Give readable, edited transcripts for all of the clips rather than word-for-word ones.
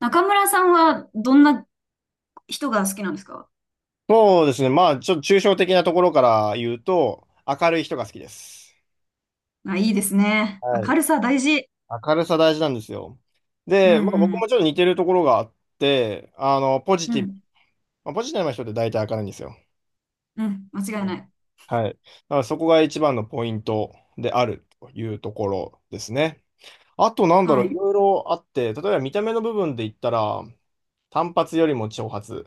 中村さんはどんな人が好きなんですか？そうですね。まあ、ちょっと抽象的なところから言うと、明るい人が好きです。あ、いいですね。は明い。るさ大事。明るさ大事なんですよ。うんで、まあ、う僕ん。もちょっと似てるところがあって、あの、ポジうティブ。ん。まあ、ポジティブな人って大体明るいんですよ。うん。間う違いなん。い。はい。だからそこが一番のポイントであるというところですね。あと、なんだろはう、いい。ろいろあって、例えば見た目の部分で言ったら、単発よりも長髪。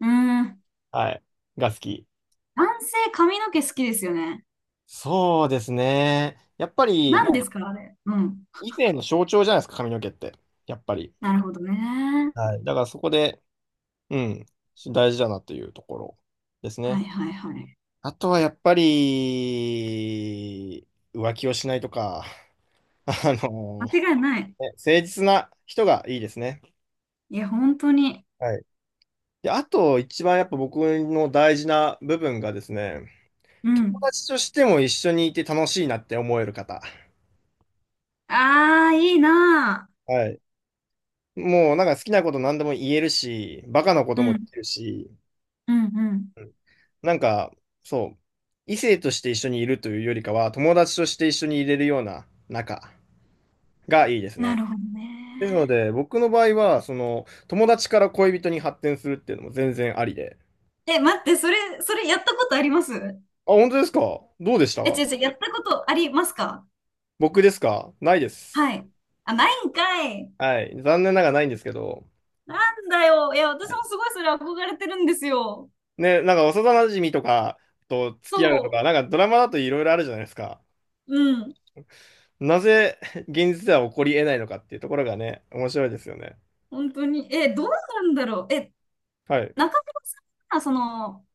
うん。はい。が好き。男性髪の毛好きですよね。そうですね。やっぱり、ま何であすかあれ。うん。以前の象徴じゃないですか、髪の毛って。やっぱり。なるほどね。はい。だからそこで、うん、大事だなというところですはね。いはいはい。あとはやっぱり、浮気をしないとか、あのね、間違いない。誠実な人がいいですね。いや、本当に。はい。で、あと一番やっぱ僕の大事な部分がですね、う友ん。達としても一緒にいて楽しいなって思える方。ああ、いいなあ。はい。もうなんか好きなこと何でも言えるし、バカなこうともでん。きるし、うんうん。なんか、そう、異性として一緒にいるというよりかは、友達として一緒にいれるような仲がいいですなね。るほどですのね。で、僕の場合は、その、友達から恋人に発展するっていうのも全然ありで。え、待って、それ、それやったことあります？あ、本当ですか？どうでしえ、た？違う違う、やったことありますか？僕ですか？ないです。はい。あ、ないんかい。はい。残念ながらないんですけど。なんだよ。いや、私はい。もすごいそれ憧れてるんですよ。ね、なんか幼馴染とかと付き合うとそか、なんかドラマだといろいろあるじゃないですか。う。うん。なぜ現実では起こり得ないのかっていうところがね、面白いですよね。本当に。え、どうなんだろう。え、はい。中村さんは、その、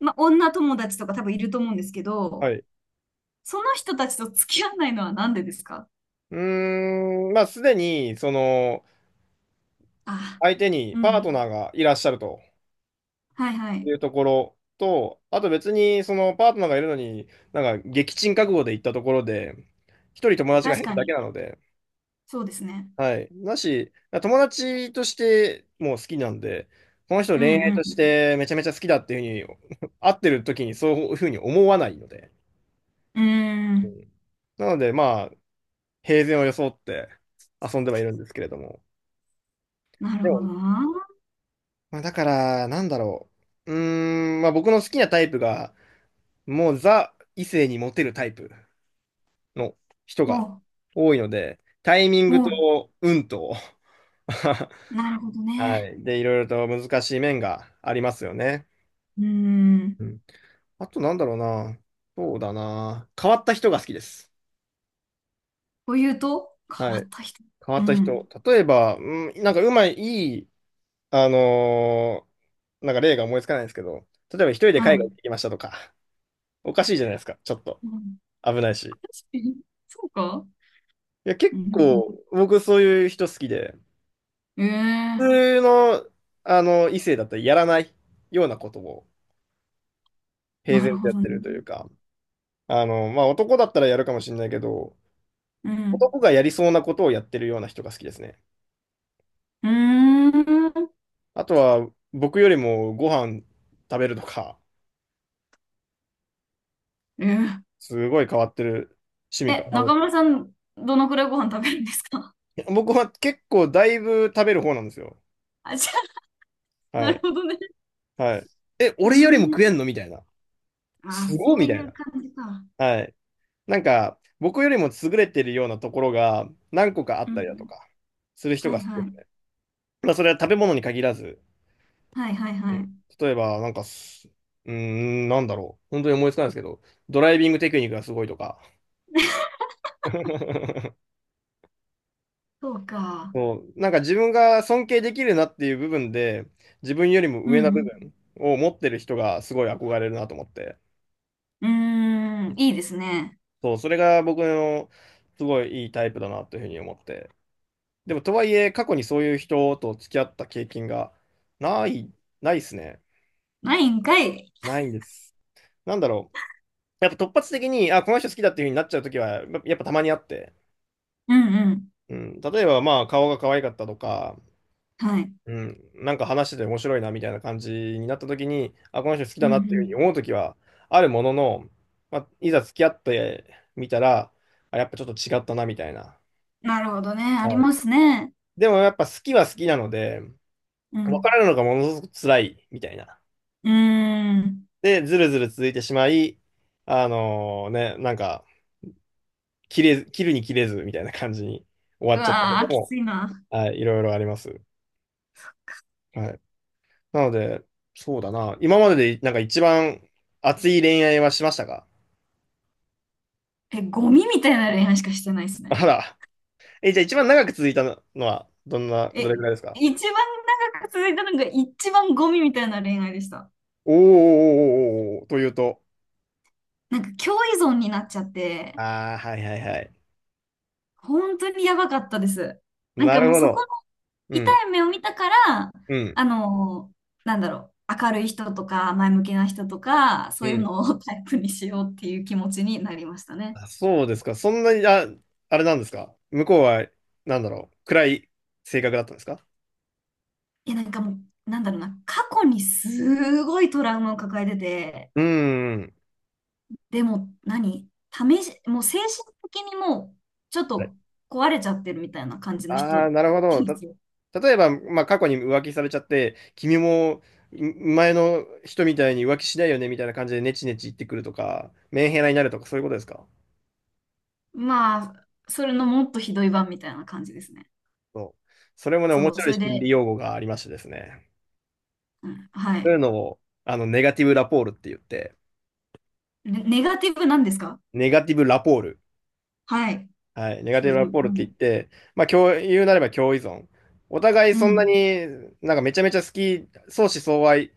ま、女友達とか多分いると思うんですけはど、い。その人たちと付き合わないのはなんでですか？うーん、まあ、すでに、その、あ、相手にうパートん。ナーがいらっしゃるとはいはいい。うところと、あと別に、その、パートナーがいるのに、なんか、撃沈覚悟で行ったところで、一人友達が確減るかだけに。なので、そうですね。はい。だし、友達としてもう好きなんで、この人う恋愛としんてめちゃめちゃ好きだっていうふうに、会ってる時にそういうふうに思わないので、うん。うーうん。ん。なので、まあ、平然を装って遊んではいるんですけれども、なるでほども、な。まあ、だから、なんだろう。うーん、まあ僕の好きなタイプが、もうザ異性にモテるタイプの人がお、多いので、タイミングお、と運と、なるほどはね。い。で、いろいろと難しい面がありますよね。うーん。うん。あとなんだろうな。そうだな。変わった人が好きです。というと、変はわっい。た人。変わうったん。人。例えば、うん、なんかうまい、いい、あのーなんか例が思いつかないんですけど、例えば一人では海い。外行ってきましたとか、おかしいじゃないですか、ちょっと。うん、危ないし。確かにそうか。いや、う結ん、なるほど。構、僕そういう人好きで、普ええ、通の、あの、異性だったらやらないようなことを平なる然とほやっどね。てるというか、あの、まあ、男だったらやるかもしれないけど、うん。男がやりそうなことをやってるような人が好きですね。うーん。あとは、僕よりもご飯食べるとか、えすごい変わってる趣え、味かえ、な。あの、中村さん、どのくらいご飯食べるんですか？ 僕は結構だいぶ食べる方なんですよ。あ、じゃあ、はなるい。ほどね。はい。え、う俺よりもー食ん。えんのみたいな。あ、すごそいうみたいいうな。感じか。はい。なんか、僕よりも優れてるようなところが何個かあうったん。りだとか、する人はがい好きではすい。ね。まあ、それは食べ物に限らず、はいはいうはん、い。例えば、なんかす、うーん、なんだろう。本当に思いつかないですけど、ドライビングテクニックがすごいとか。そうか。そう、なんか自分が尊敬できるなっていう部分で、自分よりもう上な部ん。分を持ってる人がすごい憧れるなと思って、うん。うーん、いいですね。そう、それが僕のすごいいいタイプだなというふうに思って。でも、とはいえ、過去にそういう人と付き合った経験がない、ないですね。ないんかい。ないんです。なんだろう。やっぱ突発的に、あ、この人好きだっていう風になっちゃうときは、やっぱたまにあって。うんうん。うん。例えば、まあ、顔が可愛かったとか、はい。うん。なんか話してて面白いな、みたいな感じになったときに、あ、この人好きうだんなうっていう風にん。思うときは、あるものの、まあ、いざ付き合ってみたら、あ、やっぱちょっと違ったな、みたいな。なるほどね。ありはまい。すね。でも、やっぱ好きは好きなので、う分かん。らるのがものすごく辛い、みたいな。うーん。で、ずるずる続いてしまい、あのね、なんか、切るに切れずみたいな感じに終わうっちゃったこわー、ときも、ついな。はい、いろいろあります。はい。なので、そうだな。今までで、なんか一番熱い恋愛はしましたか？え、ゴミみたいな恋愛しかしてないですね。あら。え、じゃあ一番長く続いたのは、どんな、どれくえ、らいですか？一番長く続いたのが一番ゴミみたいな恋愛でした。おーおーおーおーおーおー、というと。なんか、共依存になっちゃって、ああ、はいはいはい。本当にやばかったです。なんなかるもうほそこのど。う痛ん、い目を見たから、うん、あの、なんだろう、明るい人とか、前向きな人とか、そうういうん。のをタイプにしようっていう気持ちになりましたね。あ、そうですか。そんなに、あ、あれなんですか。向こうは、なんだろう。暗い性格だったんですか？いや、なんかもう、なんだろうな、過去にすごいトラウマを抱えてて、うーん。でも何、試し、もう精神的にもうちょっはい。と壊れちゃってるみたいな感じの人ああでー、なるほど。すよ。例えば、まあ、過去に浮気されちゃって、君も前の人みたいに浮気しないよねみたいな感じでネチネチ言ってくるとか、メンヘラになるとか、そういうことですか？まあ、それのもっとひどい版みたいな感じですね。そう。それもね、面そう、白そいれ心理で、用語がありましてですね。うん、はそい。ういうのを、あの、ネガティブラポールって言って、ネ、ネガティブなんですか？ネガティブラポール。はい。はい、ネガティ白ブラビポールうってん。言って、まあ、共言うなれば共依存。お互いうそんなん。になんかめちゃめちゃ好き、相思相愛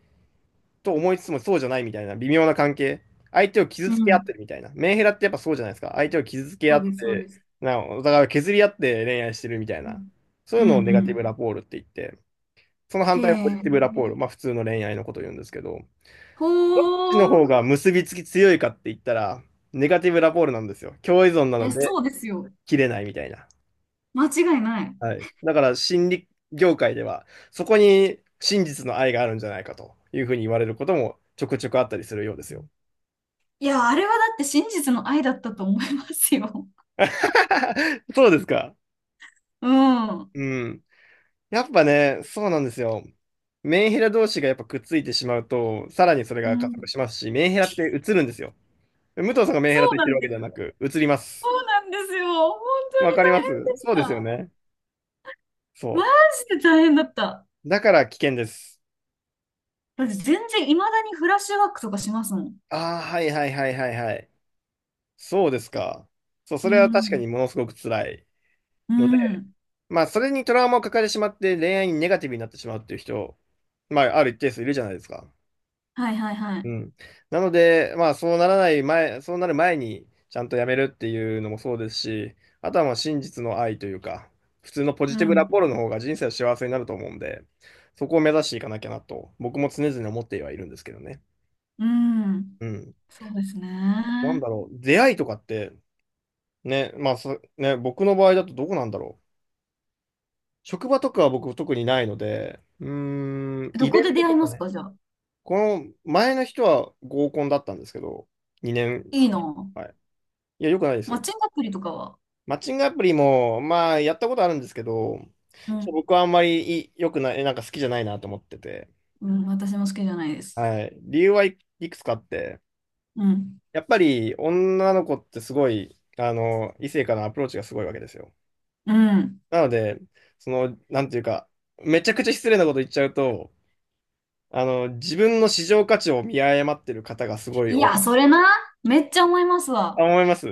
と思いつつもそうじゃないみたいな微妙な関係。相手を傷うつけ合っん。てるみたいな。メンヘラってやっぱそうじゃないですか。相手を傷つけ合そうっです、そうでて、す。なんかお互いを削り合って恋愛してるみたいうな。ん。そういううのをん、ネガテうィん。ブラポールって言って、その反へ対をポジえ。ティブラポール、まあ普通の恋愛のことを言うんですけど、ほどっちの方ー。が結びつき強いかって言ったら、ネガティブラポールなんですよ。共依存ないのや、でそうですよ。切れないみたいな。間違いない。はい。だから心理業界では、そこに真実の愛があるんじゃないかというふうに言われることもちょくちょくあったりするようですよ。いや、あれはだって真実の愛だったと思いますよ。そうですか。うん。うん。やっぱね、そうなんですよ。メンヘラ同士がやっぱくっついてしまうと、さらにそれうが加速ん、しますし、メンヘラって映るんですよ。武藤さんがメンヘそラとう言っなてるんわけでですはなよ。く、映りまそす。うなんですよ。本当わにかり大ま変す。でしそうですよた。ね。マそジで大変だった。う。だから危険です。だって全然、未だにフラッシュバックとかしますもん。ああ、はいはいはいはいはい。そうですか。そう、そうれは確かん。にものすごく辛いうので、ん。まあ、それにトラウマを抱えてしまって恋愛にネガティブになってしまうっていう人、まあ、ある一定数いるじゃないですか。はいはいはうい。ん。なので、まあ、そうならない前、そうなる前に、ちゃんとやめるっていうのもそうですし、あとはもう真実の愛というか、普通のポうジティブラん。ポロの方が人生は幸せになると思うんで、そこを目指していかなきゃなと、僕も常々思ってはいるんですけどね。うん。うん。そうですなんね。だろう、出会いとかって、ね、まあ、ね、僕の場合だとどこなんだろう。職場とかは僕特にないので、うーん、どイベこンでト出会といまかすね、かじゃあ。この前の人は合コンだったんですけど、2年いいはな。ん。はい。いや、よくないですマッよ。チングアプリとかは。マッチングアプリも、まあ、やったことあるんですけど、うちょっとん。僕はあんまり良くない、なんか好きじゃないなと思ってて。うん。私も好きじゃないです。はい。理由はい、いくつかあって、うん。やっぱり女の子ってすごい、あの、異性からのアプローチがすごいわけですよ。うん。なので、その、なんていうか、めちゃくちゃ失礼なこと言っちゃうと、あの、自分の市場価値を見誤ってる方がすごいい多や、い。それな。めっちゃ思いますあ、わ。思います？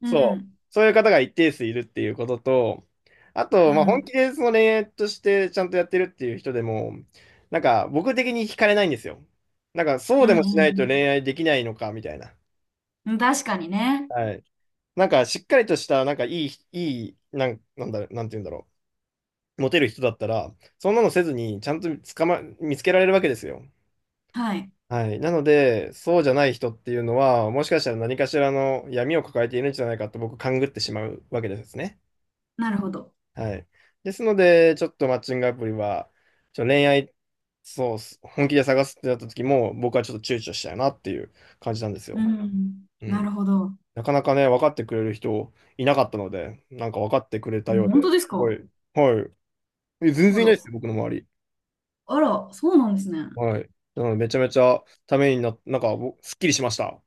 うそう、ん。そういう方が一定数いるっていうことと、あうと、まあ、本ん。気でその恋愛としてちゃんとやってるっていう人でも、なんか僕的に惹かれないんですよ。なんかそううでんもしなういと恋ん愛できないのかみたいな。うん。確かにね。はい。なんかしっかりとした、なんかいい、なん、なんだ、なんて言うんだろう。モテる人だったら、そんなのせずに、ちゃんと捕ま、見つけられるわけですよ。はい。はい。なので、そうじゃない人っていうのは、もしかしたら何かしらの闇を抱えているんじゃないかと僕、勘ぐってしまうわけですね。なるほど。はい。ですので、ちょっとマッチングアプリは、ちょっと恋愛、そうっす、本気で探すってなった時も、僕はちょっと躊躇したよなっていう感じなんですうよ。ん。うなるん。ほど。なかなかね、分かってくれる人いなかったので、なんか分かってくれえ、たよう本当で、ですすごか？い、はい。え、全あ然いないら。ですよ、僕の周り。あら、そうなんですね。はい。なので、めちゃめちゃためにな、なんか、ぼ、すっきりしました。